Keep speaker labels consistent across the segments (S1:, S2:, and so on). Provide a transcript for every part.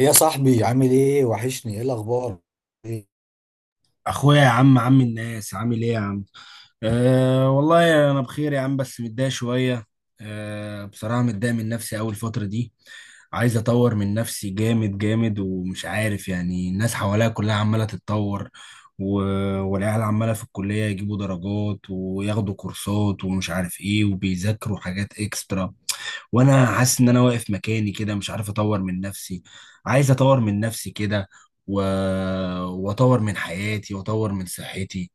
S1: يا صاحبي عامل ايه؟ وحشني. ايه الاخبار؟ إيه؟
S2: اخويا يا عم، عم الناس عامل ايه يا عم؟ أه والله انا بخير يا عم بس متضايق شويه. أه بصراحه متضايق من نفسي اول فتره دي. عايز اطور من نفسي جامد جامد ومش عارف، يعني الناس حواليا كلها عماله تتطور، و... والعيال عماله في الكليه يجيبوا درجات وياخدوا كورسات ومش عارف ايه وبيذاكروا حاجات اكسترا، وانا حاسس ان انا واقف مكاني كده مش عارف اطور من نفسي. عايز اطور من نفسي كده، و... واطور من حياتي واطور من صحتي.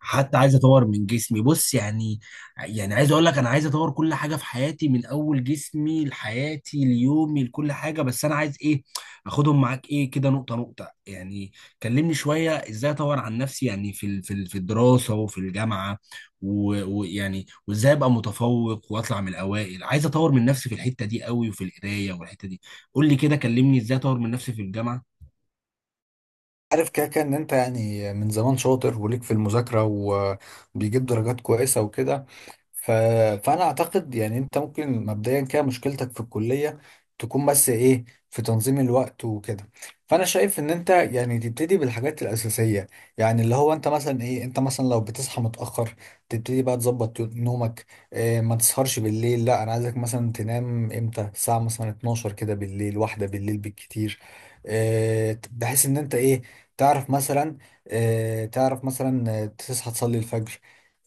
S2: حتى عايز اطور من جسمي، بص يعني. يعني عايز اقول لك انا عايز اطور كل حاجه في حياتي من اول جسمي لحياتي ليومي لكل حاجه، بس انا عايز ايه؟ اخدهم معاك ايه كده نقطه نقطه يعني. كلمني شويه ازاي اطور عن نفسي، يعني في الدراسه وفي الجامعه، ويعني وازاي ابقى متفوق واطلع من الاوائل. عايز اطور من نفسي في الحته دي قوي وفي القرايه والحته دي. قول لي كده، كلمني ازاي اطور من نفسي في الجامعه.
S1: عارف كده كده ان انت يعني من زمان شاطر وليك في المذاكرة وبيجيب درجات كويسة وكده. ف... فانا اعتقد يعني انت ممكن مبدئيا كده مشكلتك في الكليه تكون بس ايه، في تنظيم الوقت وكده. فانا شايف ان انت يعني تبتدي بالحاجات الاساسيه، يعني اللي هو انت مثلا ايه، انت مثلا لو بتصحى متاخر تبتدي بقى تظبط نومك. إيه، ما تسهرش بالليل، لا انا عايزك مثلا تنام امتى؟ الساعه مثلا 12 كده بالليل، واحده بالليل بالكتير. إيه، بحيث ان انت ايه، تعرف مثلا، إيه تعرف مثلا، تصحى تصلي الفجر.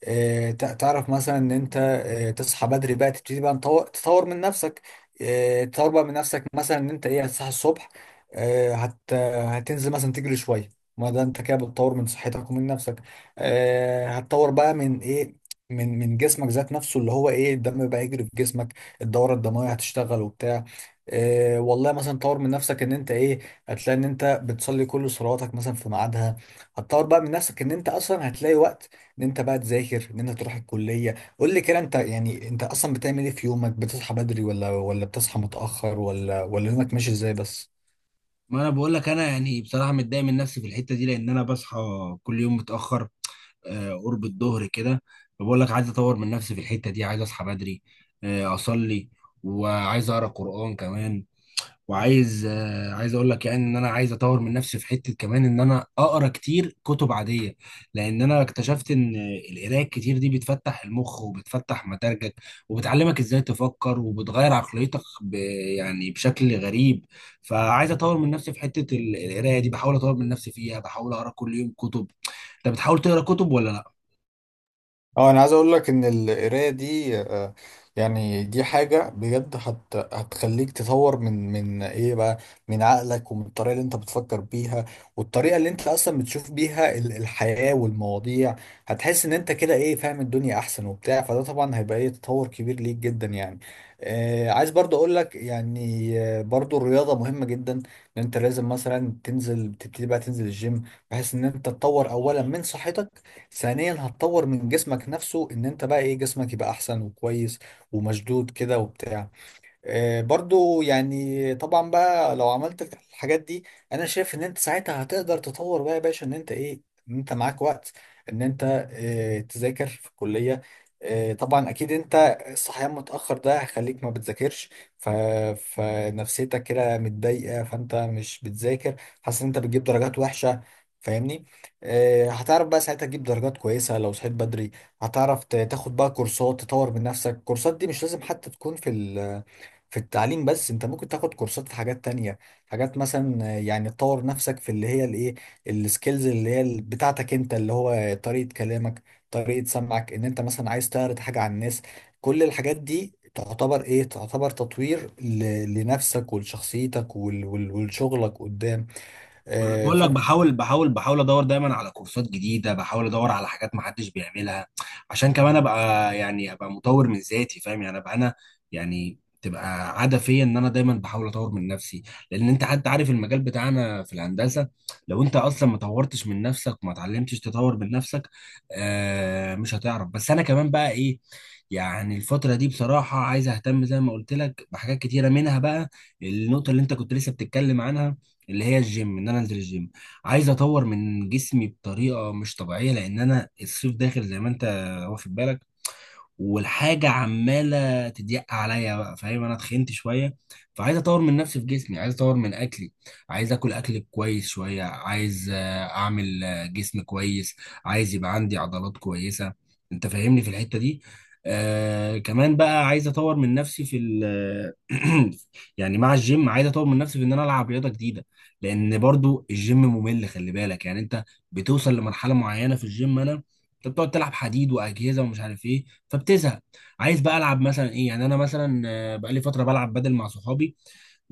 S1: تعرف مثلا ان انت، تصحى بدري بقى، تبتدي بقى تطور من نفسك. تطور بقى من نفسك مثلا، ان انت ايه هتصحى الصبح. آه، هت هتنزل مثلا تجري شويه. ما ده انت كده بتطور من صحتك ومن نفسك. هتطور بقى من ايه؟ من جسمك ذات نفسه، اللي هو ايه، الدم بقى يجري في جسمك، الدوره الدمويه هتشتغل وبتاع. والله مثلا طور من نفسك، ان انت ايه، هتلاقي ان انت بتصلي كل صلواتك مثلا في ميعادها. هتطور بقى من نفسك ان انت اصلا هتلاقي وقت ان انت بقى تذاكر، ان انت تروح الكليه. قول لي كده انت يعني، انت اصلا بتعمل ايه في يومك؟ بتصحى بدري ولا بتصحى متاخر ولا؟ يومك ماشي ازاي بس؟
S2: ما انا بقول لك انا يعني بصراحه متضايق من نفسي في الحته دي لان انا بصحى كل يوم متاخر، قرب الظهر كده. فبقول لك عايز اطور من نفسي في الحته دي، عايز اصحى بدري، اصلي، وعايز اقرا قران كمان. وعايز عايز اقول لك يعني ان انا عايز اطور من نفسي في حته كمان، ان انا اقرا كتير كتب عاديه. لان انا اكتشفت ان القرايه الكتير دي بتفتح المخ وبتفتح مداركك وبتعلمك ازاي تفكر، وبتغير عقليتك يعني بشكل غريب. فعايز اطور من نفسي في حته القرايه دي، بحاول اطور من نفسي فيها، بحاول اقرا كل يوم كتب. انت بتحاول تقرا كتب ولا لا؟
S1: اه، انا عايز اقول لك ان القرايه دي، يعني دي حاجه بجد هتخليك تطور من ايه بقى، من عقلك ومن الطريقه اللي انت بتفكر بيها، والطريقه اللي انت اصلا بتشوف بيها الحياه والمواضيع. هتحس ان انت كده ايه، فاهم الدنيا احسن وبتاع، فده طبعا هيبقى ايه، تطور كبير ليك جدا يعني. آه، عايز برضو اقول لك يعني، برضو الرياضه مهمه جدا، ان انت لازم مثلا تنزل، تبتدي بقى تنزل الجيم، بحيث ان انت تطور اولا من صحتك، ثانيا هتطور من جسمك نفسه، ان انت بقى ايه، جسمك يبقى احسن وكويس ومشدود كده وبتاع. برضو يعني طبعا بقى لو عملت الحاجات دي، انا شايف ان انت ساعتها هتقدر تطور بقى يا باشا، ان انت ايه، ان انت معاك وقت ان انت، تذاكر في الكلية. طبعا اكيد انت الصحيان متأخر ده هيخليك ما بتذاكرش. ف... فنفسيتك كده متضايقة، فانت مش بتذاكر، حاسس ان انت بتجيب درجات وحشة، فاهمني؟ هتعرف بقى ساعتها تجيب درجات كويسة لو صحيت بدري. هتعرف تاخد بقى كورسات تطور من نفسك. الكورسات دي مش لازم حتى تكون في ال في التعليم بس، انت ممكن تاخد كورسات في حاجات تانية، حاجات مثلا، يعني تطور نفسك في اللي هي الايه، السكيلز اللي هي بتاعتك انت، اللي هو طريقة كلامك، طريقة سمعك، ان انت مثلا عايز تعرض حاجة على الناس. كل الحاجات دي تعتبر ايه، تعتبر تطوير لنفسك ولشخصيتك ولشغلك قدام.
S2: ما انا بقول لك، بحاول ادور دايما على كورسات جديده، بحاول ادور على حاجات ما حدش بيعملها، عشان كمان ابقى يعني ابقى مطور من ذاتي، فاهم؟ يعني ابقى انا يعني تبقى عاده فيا ان انا دايما بحاول اطور من نفسي، لان انت حتى عارف المجال بتاعنا في الهندسه. لو انت اصلا ما طورتش من نفسك وما اتعلمتش تطور من نفسك، آه مش هتعرف. بس انا كمان بقى ايه؟ يعني الفترة دي بصراحة عايز اهتم زي ما قلت لك بحاجات كتيرة، منها بقى النقطة اللي انت كنت لسه بتتكلم عنها اللي هي الجيم، ان انا انزل الجيم. عايز اطور من جسمي بطريقه مش طبيعيه، لان انا الصيف داخل زي ما انت واخد بالك، والحاجه عماله تضيق عليا بقى، فاهم؟ انا اتخنت شويه، فعايز اطور من نفسي في جسمي، عايز اطور من اكلي، عايز اكل اكل كويس شويه، عايز اعمل جسم كويس، عايز يبقى عندي عضلات كويسه. انت فاهمني في الحته دي؟ آه، كمان بقى عايز اطور من نفسي في ال... يعني مع الجيم عايز اطور من نفسي في ان انا العب رياضه جديده، لان برضو الجيم ممل. خلي بالك يعني انت بتوصل لمرحله معينه في الجيم، انا انت بتقعد تلعب حديد واجهزه ومش عارف ايه، فبتزهق. عايز بقى العب مثلا ايه؟ يعني انا مثلا بقالي فتره بلعب بدل مع صحابي،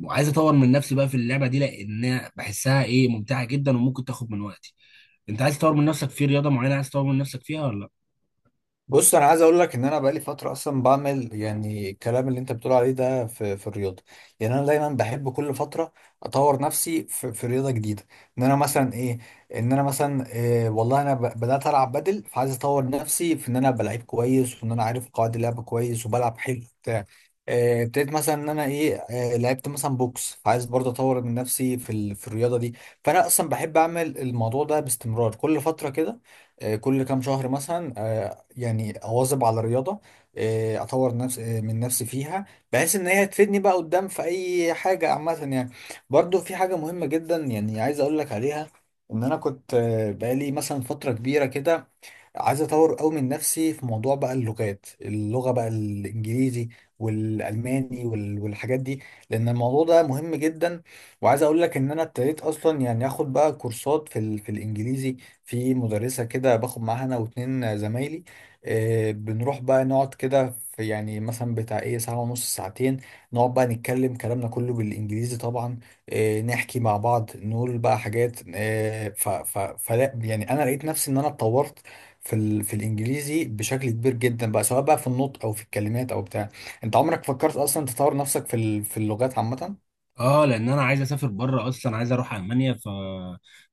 S2: وعايز اطور من نفسي بقى في اللعبه دي لان بحسها ايه، ممتعه جدا وممكن تاخد من وقتي. انت عايز تطور من نفسك في رياضه معينه؟ عايز تطور من نفسك فيها ولا؟
S1: بص، انا عايز اقول لك ان انا بقالي فتره اصلا بعمل يعني الكلام اللي انت بتقول عليه ده في في الرياضه. يعني انا دايما بحب كل فتره اطور نفسي في, في رياضه جديده. ان انا مثلا ايه، ان انا مثلا إيه والله، انا بدات العب بدل، فعايز اطور نفسي في ان انا بلعب كويس، وان انا عارف قواعد اللعب كويس وبلعب حلو بتاع. إيه، ابتديت مثلا ان انا ايه، إيه، لعبت مثلا بوكس، فعايز برضه اطور من نفسي في في الرياضه دي. فانا اصلا بحب اعمل الموضوع ده باستمرار كل فتره كده. كل كام شهر مثلا، يعني اواظب على الرياضه. آه، اطور نفس آه، من نفسي فيها، بحيث ان هي تفيدني بقى قدام في اي حاجه عامه يعني. برضو في حاجه مهمه جدا يعني عايز اقول لك عليها. ان انا كنت، بقالي مثلا فتره كبيره كده عايز اطور قوي من نفسي في موضوع بقى اللغات، اللغه بقى الانجليزي والالماني والحاجات دي، لان الموضوع ده مهم جدا. وعايز اقول لك ان انا ابتديت اصلا يعني اخد بقى كورسات في في الانجليزي، في مدرسه كده باخد معاها انا واتنين زمايلي. آه، بنروح بقى نقعد كده في يعني مثلا بتاع ايه، ساعه ونص، ساعتين، نقعد بقى نتكلم كلامنا كله بالانجليزي طبعا. آه، نحكي مع بعض، نقول بقى حاجات آه، فلا يعني انا لقيت نفسي ان انا اتطورت في في الانجليزي بشكل كبير جدا بقى، سواء بقى في النطق او في الكلمات او بتاع. انت عمرك فكرت اصلا تطور نفسك في في اللغات عامة؟
S2: اه، لان انا عايز اسافر بره اصلا، عايز اروح المانيا.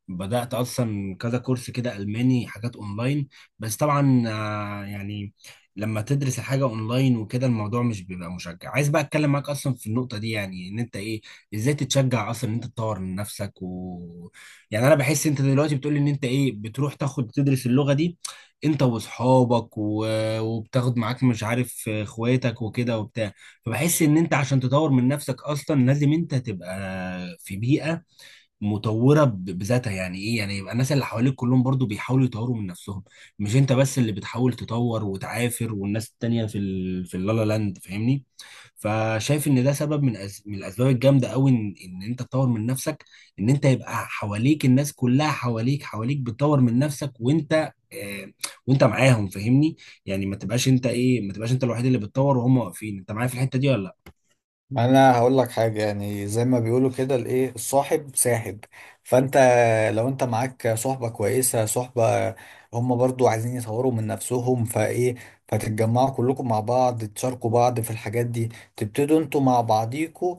S2: بدات اصلا كذا كورس كده الماني حاجات اونلاين، بس طبعا يعني لما تدرس الحاجه اونلاين وكده الموضوع مش بيبقى مشجع. عايز بقى اتكلم معاك اصلا في النقطه دي يعني ان انت ايه، ازاي تتشجع اصلا ان انت تطور من نفسك. يعني انا بحس انت دلوقتي بتقول ان انت ايه، بتروح تاخد تدرس اللغه دي انت واصحابك، وبتاخد معاك مش عارف اخواتك وكده وبتاع. فبحس ان انت عشان تطور من نفسك اصلا لازم انت تبقى في بيئه مطوره بذاتها. يعني ايه يعني؟ يبقى الناس اللي حواليك كلهم برضو بيحاولوا يطوروا من نفسهم، مش انت بس اللي بتحاول تطور وتعافر والناس التانية في اللالا لاند، فاهمني؟ فشايف ان ده سبب من الاسباب الجامده قوي ان... ان انت تطور من نفسك، ان انت يبقى حواليك الناس كلها حواليك حواليك بتطور من نفسك وانت وانت معاهم، فاهمني؟ يعني ما تبقاش انت ايه، ما تبقاش انت الوحيد اللي بتطور وهم واقفين. انت معايا في الحتة دي ولا؟
S1: ما انا هقول لك حاجه، يعني زي ما بيقولوا كده الايه، الصاحب ساحب. فانت لو انت معاك صحبه كويسه، صحبه هم برضو عايزين يطوروا من نفسهم فايه، فتتجمعوا كلكم مع بعض، تشاركوا بعض في الحاجات دي، تبتدوا انتوا مع بعضيكوا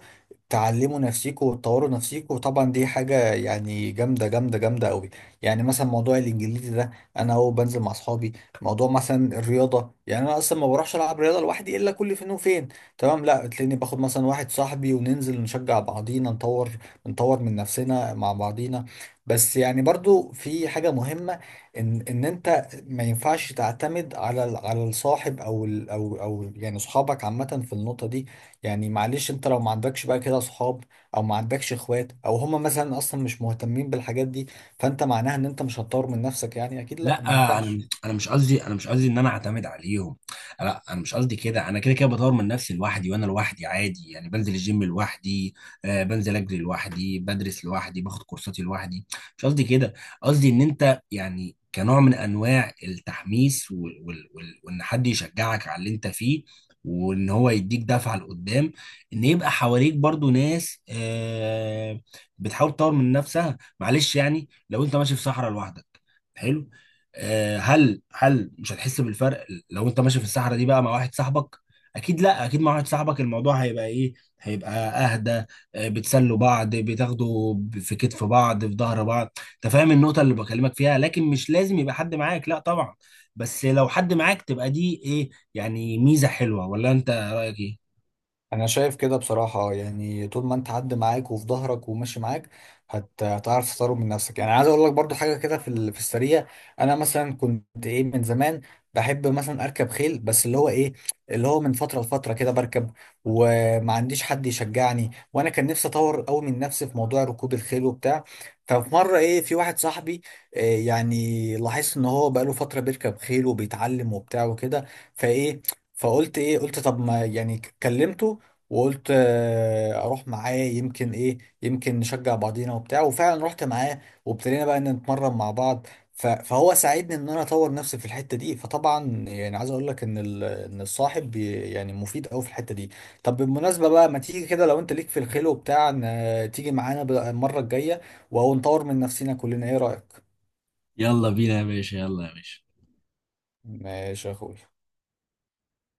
S1: تعلموا نفسيكوا وتطوروا نفسيكوا، وطبعا دي حاجه يعني جامده جامده جامده قوي. يعني مثلا موضوع الانجليزي ده، انا اهو بنزل مع اصحابي. موضوع مثلا الرياضه، يعني انا اصلا ما بروحش العب رياضه لوحدي الا كل فين وفين، تمام؟ لا تلاقيني باخد مثلا واحد صاحبي وننزل نشجع بعضينا، نطور نطور من نفسنا مع بعضينا. بس يعني برضو في حاجة مهمة، ان انت ما ينفعش تعتمد على على الصاحب او ال او يعني صحابك عامة في النقطة دي. يعني معلش، انت لو ما عندكش بقى كده صحاب، او ما عندكش اخوات، او هما مثلا اصلا مش مهتمين بالحاجات دي، فانت معناها ان انت مش هتطور من نفسك؟ يعني اكيد لا،
S2: لا،
S1: ما ينفعش.
S2: انا مش قصدي، انا مش قصدي ان انا اعتمد عليهم. لا، انا مش قصدي كده. انا كده كده بطور من نفسي لوحدي، وانا لوحدي عادي يعني، بنزل الجيم لوحدي، آه بنزل اجري لوحدي، بدرس لوحدي، باخد كورساتي لوحدي. مش قصدي كده. قصدي ان انت يعني كنوع من انواع التحميس، وال وال وال وان حد يشجعك على اللي انت فيه، وان هو يديك دفعه لقدام، ان يبقى حواليك برضو ناس آه بتحاول تطور من نفسها. معلش يعني لو انت ماشي في صحراء لوحدك، حلو. آه، هل مش هتحس بالفرق لو انت ماشي في الصحراء دي بقى مع واحد صاحبك؟ اكيد لا، اكيد مع واحد صاحبك الموضوع هيبقى ايه، هيبقى اهدى. آه، بتسلوا بعض، بتاخدوا في كتف بعض في ظهر بعض. انت فاهم النقطة اللي بكلمك فيها؟ لكن مش لازم يبقى حد معاك، لا طبعا، بس لو حد معاك تبقى دي ايه يعني، ميزة حلوة. ولا انت رأيك ايه؟
S1: انا شايف كده بصراحة، يعني طول ما انت عد معاك وفي ظهرك وماشي معاك، هتعرف تطور من نفسك. يعني عايز اقول لك برضو حاجة كده في في السريع. انا مثلا كنت ايه من زمان بحب مثلا اركب خيل، بس اللي هو ايه، اللي هو من فترة لفترة كده بركب، وما عنديش حد يشجعني، وانا كان نفسي اطور قوي من نفسي في موضوع ركوب الخيل وبتاع. ففي مرة ايه، في واحد صاحبي، إيه يعني لاحظت ان هو بقاله فترة بيركب خيل وبيتعلم وبتاع وكده، فايه، فقلت ايه، قلت طب ما يعني كلمته، وقلت اروح معاه، يمكن ايه، يمكن نشجع بعضينا وبتاع. وفعلا رحت معاه، وابتدينا بقى ان نتمرن مع بعض. فهو ساعدني ان انا اطور نفسي في الحته دي. فطبعا يعني عايز اقول لك ان ان الصاحب يعني مفيد قوي في الحته دي. طب بالمناسبه بقى، ما تيجي كده لو انت ليك في الخيل وبتاع، تيجي معانا بقى المره الجايه، ونطور من نفسنا كلنا، ايه رايك؟
S2: يلا بينا يا باشا، يلا يا باشا.
S1: ماشي يا اخوي.